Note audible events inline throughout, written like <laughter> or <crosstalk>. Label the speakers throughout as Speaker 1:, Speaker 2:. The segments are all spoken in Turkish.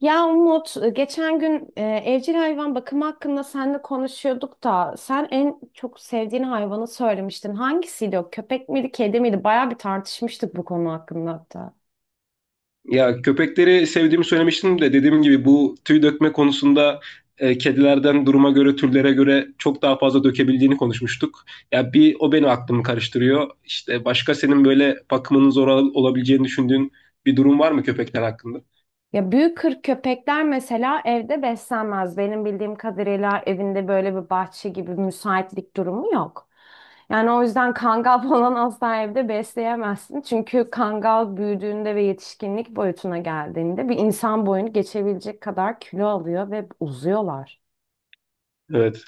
Speaker 1: Ya Umut, geçen gün evcil hayvan bakımı hakkında seninle konuşuyorduk da sen en çok sevdiğin hayvanı söylemiştin. Hangisiydi o? Köpek miydi, kedi miydi? Bayağı bir tartışmıştık bu konu hakkında hatta.
Speaker 2: Ya köpekleri sevdiğimi söylemiştim de dediğim gibi bu tüy dökme konusunda kedilerden duruma göre türlere göre çok daha fazla dökebildiğini konuşmuştuk. Ya bir o beni aklımı karıştırıyor. İşte başka senin böyle bakımının olabileceğini düşündüğün bir durum var mı köpekler hakkında?
Speaker 1: Ya büyük kırk köpekler mesela evde beslenmez. Benim bildiğim kadarıyla evinde böyle bir bahçe gibi müsaitlik durumu yok. Yani o yüzden kangal <laughs> falan asla evde besleyemezsin. Çünkü kangal büyüdüğünde ve yetişkinlik boyutuna geldiğinde bir insan boyunu geçebilecek kadar kilo alıyor ve uzuyorlar.
Speaker 2: Evet.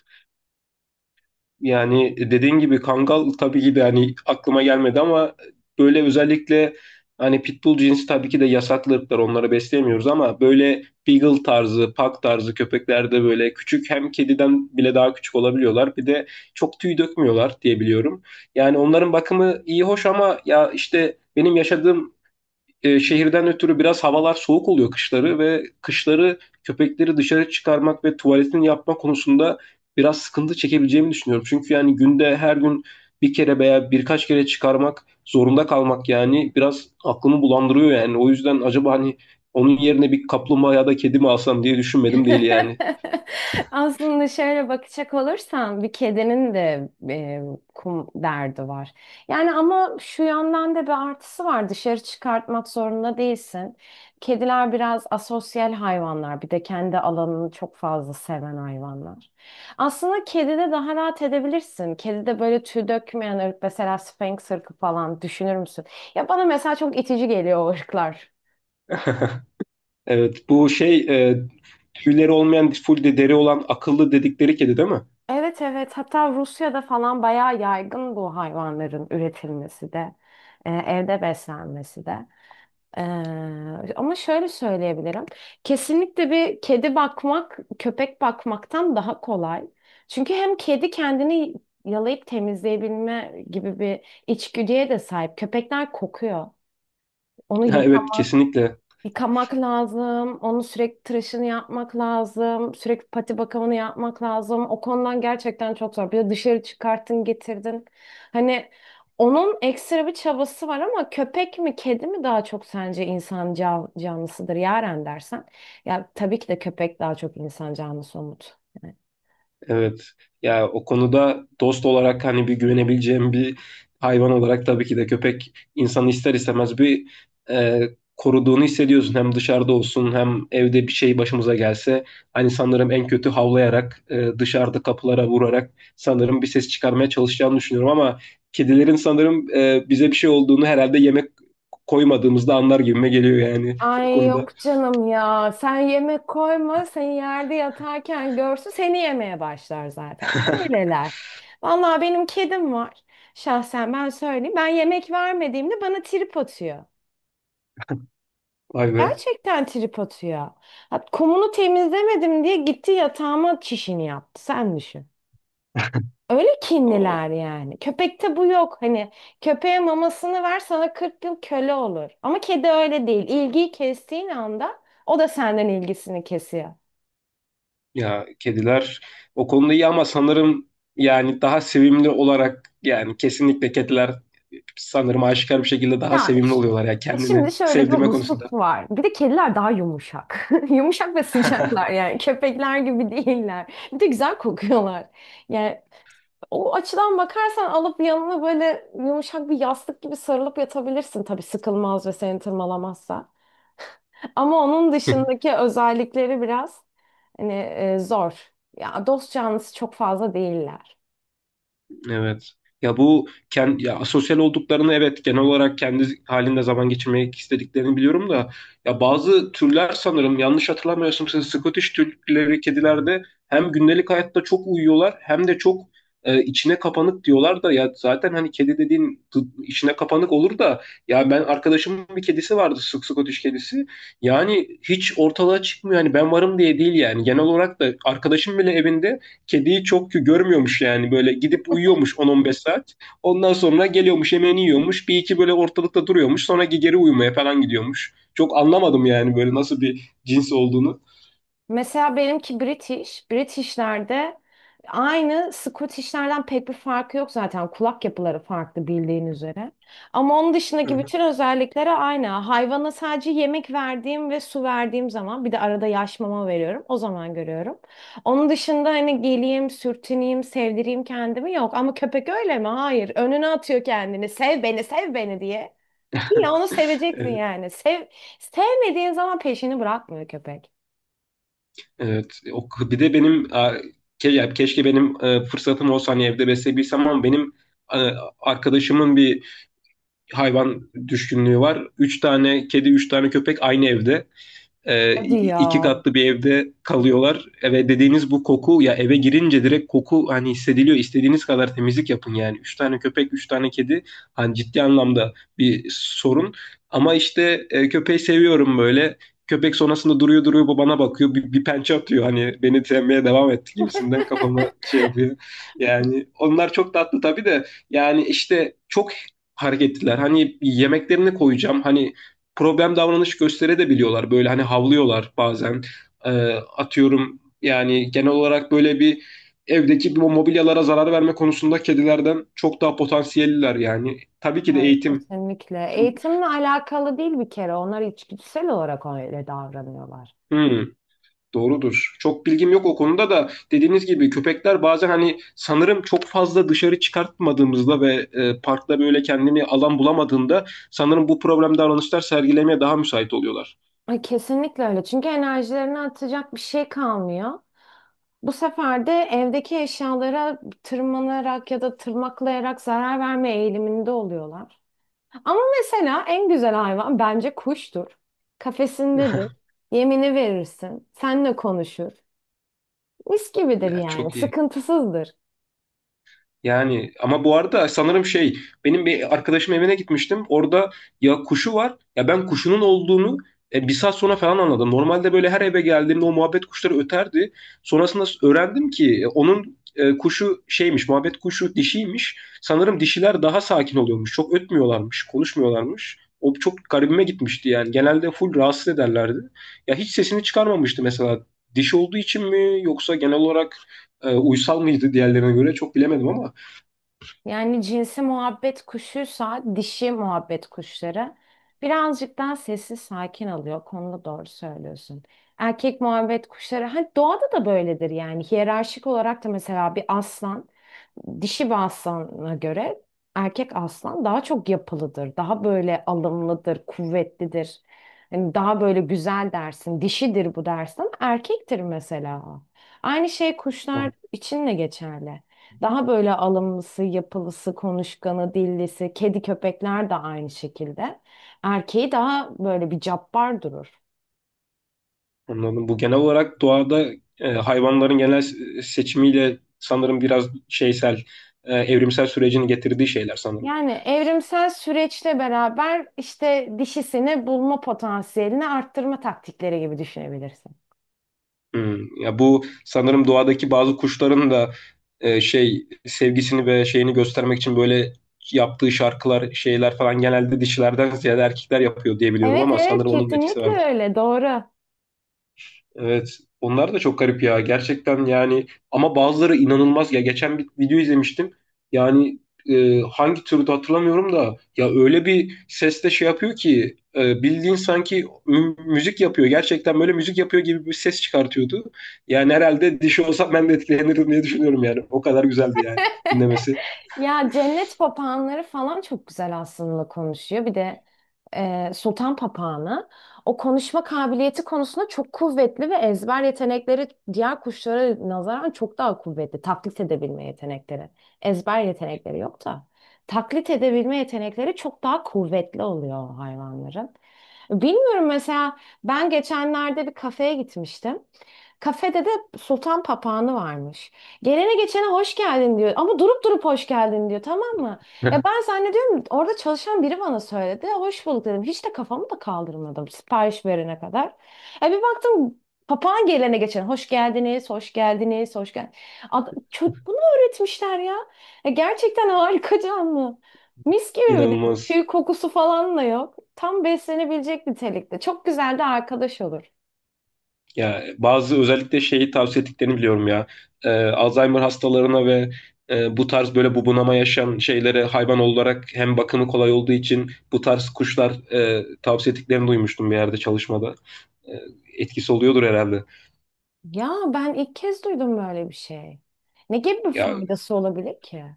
Speaker 2: Yani dediğin gibi Kangal tabii ki de hani aklıma gelmedi ama böyle özellikle hani Pitbull cinsi tabii ki de yasaklı ırklar onları besleyemiyoruz ama böyle Beagle tarzı, Pug tarzı köpeklerde böyle küçük hem kediden bile daha küçük olabiliyorlar. Bir de çok tüy dökmüyorlar diye biliyorum. Yani onların bakımı iyi hoş ama ya işte benim yaşadığım şehirden ötürü biraz havalar soğuk oluyor kışları ve kışları köpekleri dışarı çıkarmak ve tuvaletini yapma konusunda biraz sıkıntı çekebileceğimi düşünüyorum. Çünkü yani günde her gün bir kere veya birkaç kere çıkarmak zorunda kalmak yani biraz aklımı bulandırıyor yani. O yüzden acaba hani onun yerine bir kaplumbağa ya da kedi mi alsam diye düşünmedim değil yani.
Speaker 1: <laughs> Aslında şöyle bakacak olursan bir kedinin de kum derdi var. Yani ama şu yandan da bir artısı var. Dışarı çıkartmak zorunda değilsin. Kediler biraz asosyal hayvanlar. Bir de kendi alanını çok fazla seven hayvanlar. Aslında kedide daha rahat edebilirsin. Kedide böyle tüy dökmeyen ırk mesela Sphinx ırkı falan düşünür müsün? Ya bana mesela çok itici geliyor o ırklar.
Speaker 2: <laughs> Evet, bu tüyleri olmayan full de deri olan akıllı dedikleri kedi değil mi? <laughs>
Speaker 1: Evet, evet, hatta Rusya'da falan bayağı yaygın bu hayvanların üretilmesi de evde beslenmesi de. Ama şöyle söyleyebilirim. Kesinlikle bir kedi bakmak köpek bakmaktan daha kolay. Çünkü hem kedi kendini yalayıp temizleyebilme gibi bir içgüdüye de sahip. Köpekler kokuyor. Onu
Speaker 2: Ha, evet,
Speaker 1: yıkamak,
Speaker 2: kesinlikle.
Speaker 1: Yıkamak lazım, onu sürekli tıraşını yapmak lazım, sürekli pati bakımını yapmak lazım. O konudan gerçekten çok zor. Bir de dışarı çıkarttın, getirdin. Hani onun ekstra bir çabası var ama köpek mi, kedi mi daha çok sence insan canlısıdır Yaren dersen? Ya tabii ki de köpek daha çok insan canlısı Umut. Yani,
Speaker 2: Evet. Ya o konuda dost olarak hani bir güvenebileceğim bir hayvan olarak tabii ki de köpek insanı ister istemez bir e, koruduğunu hissediyorsun. Hem dışarıda olsun hem evde bir şey başımıza gelse hani sanırım en kötü havlayarak dışarıda kapılara vurarak sanırım bir ses çıkarmaya çalışacağını düşünüyorum ama kedilerin sanırım bize bir şey olduğunu herhalde yemek koymadığımızda anlar gibime geliyor yani <laughs> o
Speaker 1: ay
Speaker 2: konuda.
Speaker 1: yok canım ya. Sen yemek koyma. Seni yerde yatarken görsün. Seni yemeye başlar zaten. Öyleler. Vallahi benim kedim var. Şahsen ben söyleyeyim. Ben yemek vermediğimde bana trip atıyor.
Speaker 2: Vay be.
Speaker 1: Gerçekten trip atıyor. Ha, kumunu temizlemedim diye gitti yatağıma çişini yaptı. Sen düşün. Öyle kinliler yani. Köpekte bu yok. Hani köpeğe mamasını ver sana 40 yıl köle olur. Ama kedi öyle değil. İlgiyi kestiğin anda o da senden ilgisini kesiyor.
Speaker 2: Ya kediler o konuda iyi ama sanırım yani daha sevimli olarak yani kesinlikle kediler sanırım aşikar bir şekilde daha
Speaker 1: Yani
Speaker 2: sevimli
Speaker 1: ş-
Speaker 2: oluyorlar ya
Speaker 1: Şimdi
Speaker 2: kendini
Speaker 1: şöyle bir
Speaker 2: sevdirme
Speaker 1: husus
Speaker 2: konusunda.
Speaker 1: var. Bir de kediler daha yumuşak. <laughs> Yumuşak ve sıcaklar
Speaker 2: <laughs>
Speaker 1: yani. Köpekler gibi <laughs> değiller. Bir de güzel kokuyorlar. Yani o açıdan bakarsan alıp yanına böyle yumuşak bir yastık gibi sarılıp yatabilirsin tabii sıkılmaz ve seni tırmalamazsa. Ama onun dışındaki özellikleri biraz hani zor. Ya dost canlısı çok fazla değiller.
Speaker 2: Evet. Ya bu kendi ya sosyal olduklarını evet genel olarak kendi halinde zaman geçirmek istediklerini biliyorum da ya bazı türler sanırım yanlış hatırlamıyorsam siz Scottish türleri kedilerde hem gündelik hayatta çok uyuyorlar hem de çok içine kapanık diyorlar da ya zaten hani kedi dediğin içine kapanık olur da ya ben arkadaşımın bir kedisi vardı Scottish kedisi, yani hiç ortalığa çıkmıyor hani ben varım diye değil yani genel olarak da arkadaşım bile evinde kediyi çok görmüyormuş yani böyle gidip uyuyormuş 10-15 saat. Ondan sonra geliyormuş yemeğini yiyormuş. Bir iki böyle ortalıkta duruyormuş. Sonra geri uyumaya falan gidiyormuş. Çok anlamadım yani böyle nasıl bir cins olduğunu.
Speaker 1: Mesela benimki British. British'lerde aynı Scottish'lerden pek bir farkı yok zaten. Kulak yapıları farklı bildiğin üzere. Ama onun
Speaker 2: Hı
Speaker 1: dışındaki
Speaker 2: hı.
Speaker 1: bütün özellikleri aynı. Hayvana sadece yemek verdiğim ve su verdiğim zaman bir de arada yaş mama veriyorum. O zaman görüyorum. Onun dışında hani geleyim, sürtüneyim, sevdireyim kendimi yok. Ama köpek öyle mi? Hayır. Önüne atıyor kendini. Sev beni, sev beni diye. Ya onu seveceksin
Speaker 2: Evet.
Speaker 1: yani. Sev, sevmediğin zaman peşini bırakmıyor köpek.
Speaker 2: Evet. O, bir de benim a, ke, ya keşke benim fırsatım olsa hani evde besleyebilsem ama benim e, arkadaşımın bir hayvan düşkünlüğü var. Üç tane kedi, üç tane köpek aynı evde. E,
Speaker 1: Hadi ya.
Speaker 2: iki katlı bir evde kalıyorlar. Eve dediğiniz bu koku, ya eve girince direkt koku hani hissediliyor. İstediğiniz kadar temizlik yapın yani. Üç tane köpek, üç tane kedi, hani ciddi anlamda bir sorun. Ama işte köpeği seviyorum böyle. Köpek sonrasında duruyor duruyor, bu bana bakıyor. Bir pençe atıyor hani beni sevmeye devam etti gibisinden kafama şey yapıyor. Yani onlar çok tatlı tabii de yani işte çok hareketliler. Hani yemeklerini koyacağım. Hani problem davranış gösterebiliyorlar. Böyle hani havlıyorlar bazen. Ee, Atıyorum yani genel olarak böyle bir evdeki bu mobilyalara zarar verme konusunda kedilerden çok daha potansiyelliler yani. Tabii ki de
Speaker 1: Hayır,
Speaker 2: eğitim.
Speaker 1: kesinlikle. Eğitimle alakalı değil bir kere. Onlar içgüdüsel olarak öyle davranıyorlar.
Speaker 2: Hmm, doğrudur. Çok bilgim yok o konuda da dediğiniz gibi köpekler bazen hani sanırım çok fazla dışarı çıkartmadığımızda ve parkta böyle kendini alan bulamadığında sanırım bu problem davranışlar sergilemeye daha müsait oluyorlar.
Speaker 1: Ay, kesinlikle öyle. Çünkü enerjilerini atacak bir şey kalmıyor. Bu sefer de evdeki eşyalara tırmanarak ya da tırmaklayarak zarar verme eğiliminde oluyorlar. Ama mesela en güzel hayvan bence kuştur. Kafesindedir.
Speaker 2: <laughs>
Speaker 1: Yemini verirsin. Seninle konuşur. Mis gibidir
Speaker 2: Ya
Speaker 1: yani.
Speaker 2: çok iyi.
Speaker 1: Sıkıntısızdır.
Speaker 2: Yani ama bu arada sanırım şey, benim bir arkadaşım evine gitmiştim. Orada ya kuşu var ya ben kuşunun olduğunu bir saat sonra falan anladım. Normalde böyle her eve geldiğimde o muhabbet kuşları öterdi. Sonrasında öğrendim ki kuşu şeymiş, muhabbet kuşu dişiymiş. Sanırım dişiler daha sakin oluyormuş. Çok ötmüyorlarmış, konuşmuyorlarmış. O çok garibime gitmişti yani. Genelde full rahatsız ederlerdi. Ya hiç sesini çıkarmamıştı mesela. Dişi olduğu için mi yoksa genel olarak uysal mıydı diğerlerine göre çok bilemedim ama.
Speaker 1: Yani cinsi muhabbet kuşuysa dişi muhabbet kuşları birazcık daha sessiz sakin alıyor. Konuda doğru söylüyorsun. Erkek muhabbet kuşları hani doğada da böyledir yani hiyerarşik olarak da mesela bir aslan, dişi bir aslana göre erkek aslan daha çok yapılıdır, daha böyle alımlıdır, kuvvetlidir. Hani daha böyle güzel dersin, dişidir bu dersin ama erkektir mesela. Aynı şey kuşlar
Speaker 2: Bak,
Speaker 1: için de geçerli. Daha böyle alımlısı, yapılısı, konuşkanı, dillisi, kedi köpekler de aynı şekilde. Erkeği daha böyle bir cabbar durur.
Speaker 2: anladım. Bu genel olarak doğada hayvanların genel seçimiyle sanırım biraz şeysel, evrimsel sürecini getirdiği şeyler sanırım.
Speaker 1: Yani evrimsel süreçle beraber işte dişisini bulma potansiyelini arttırma taktikleri gibi düşünebilirsin.
Speaker 2: Hmm. Ya bu sanırım doğadaki bazı kuşların da şey sevgisini ve şeyini göstermek için böyle yaptığı şarkılar, şeyler falan genelde dişilerden ziyade erkekler yapıyor diye biliyorum
Speaker 1: Evet,
Speaker 2: ama
Speaker 1: evet,
Speaker 2: sanırım onun da etkisi
Speaker 1: kesinlikle
Speaker 2: vardır.
Speaker 1: öyle, doğru.
Speaker 2: Evet. Onlar da çok garip ya. Gerçekten yani ama bazıları inanılmaz ya. Geçen bir video izlemiştim. Yani hangi türde hatırlamıyorum da ya öyle bir sesle şey yapıyor ki, bildiğin sanki müzik yapıyor. Gerçekten böyle müzik yapıyor gibi bir ses çıkartıyordu. Yani herhalde dişi olsam ben de etkilenirdim diye düşünüyorum yani. O kadar güzeldi yani dinlemesi.
Speaker 1: Ya cennet papağanları falan çok güzel aslında konuşuyor. Bir de sultan papağanı o konuşma kabiliyeti konusunda çok kuvvetli ve ezber yetenekleri diğer kuşlara nazaran çok daha kuvvetli. Taklit edebilme yetenekleri. Ezber yetenekleri yok da. Taklit edebilme yetenekleri çok daha kuvvetli oluyor o hayvanların. Bilmiyorum, mesela ben geçenlerde bir kafeye gitmiştim. Kafede de sultan papağanı varmış. Gelene geçene hoş geldin diyor. Ama durup durup hoş geldin diyor. Tamam mı? Ya ben zannediyorum orada çalışan biri bana söyledi. Hoş bulduk dedim. Hiç de kafamı da kaldırmadım sipariş verene kadar. Ya bir baktım papağan gelene geçene hoş geldiniz, hoş geldiniz, hoş geldiniz. Çocuk bunu öğretmişler ya. Ya gerçekten <laughs> harika canlı. Mis
Speaker 2: <laughs>
Speaker 1: gibi bir de
Speaker 2: İnanılmaz.
Speaker 1: tüy kokusu falan da yok. Tam beslenebilecek nitelikte. Çok güzel de arkadaş olur.
Speaker 2: Ya bazı özellikle şeyi tavsiye ettiklerini biliyorum ya. Alzheimer hastalarına ve bu tarz böyle bubunama yaşayan şeylere hayvan olarak hem bakımı kolay olduğu için bu tarz kuşlar tavsiye ettiklerini duymuştum bir yerde çalışmada. E, Etkisi oluyordur herhalde.
Speaker 1: Ya ben ilk kez duydum böyle bir şey. Ne gibi bir
Speaker 2: Ya
Speaker 1: faydası olabilir ki?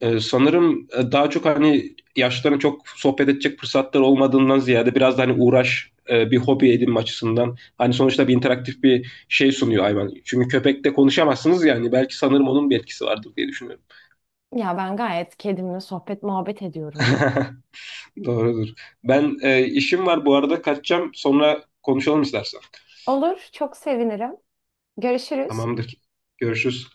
Speaker 2: e, sanırım daha çok hani yaşlıların çok sohbet edecek fırsatlar olmadığından ziyade biraz da hani uğraş, bir hobi edinme açısından hani sonuçta bir interaktif bir şey sunuyor hayvan. Çünkü köpekle konuşamazsınız yani belki sanırım onun bir etkisi vardır diye düşünüyorum.
Speaker 1: Ya ben gayet kedimle sohbet muhabbet ediyorum.
Speaker 2: <laughs> Doğrudur. Ben işim var bu arada, kaçacağım. Sonra konuşalım istersen.
Speaker 1: Olur, çok sevinirim. Görüşürüz.
Speaker 2: Tamamdır. Görüşürüz.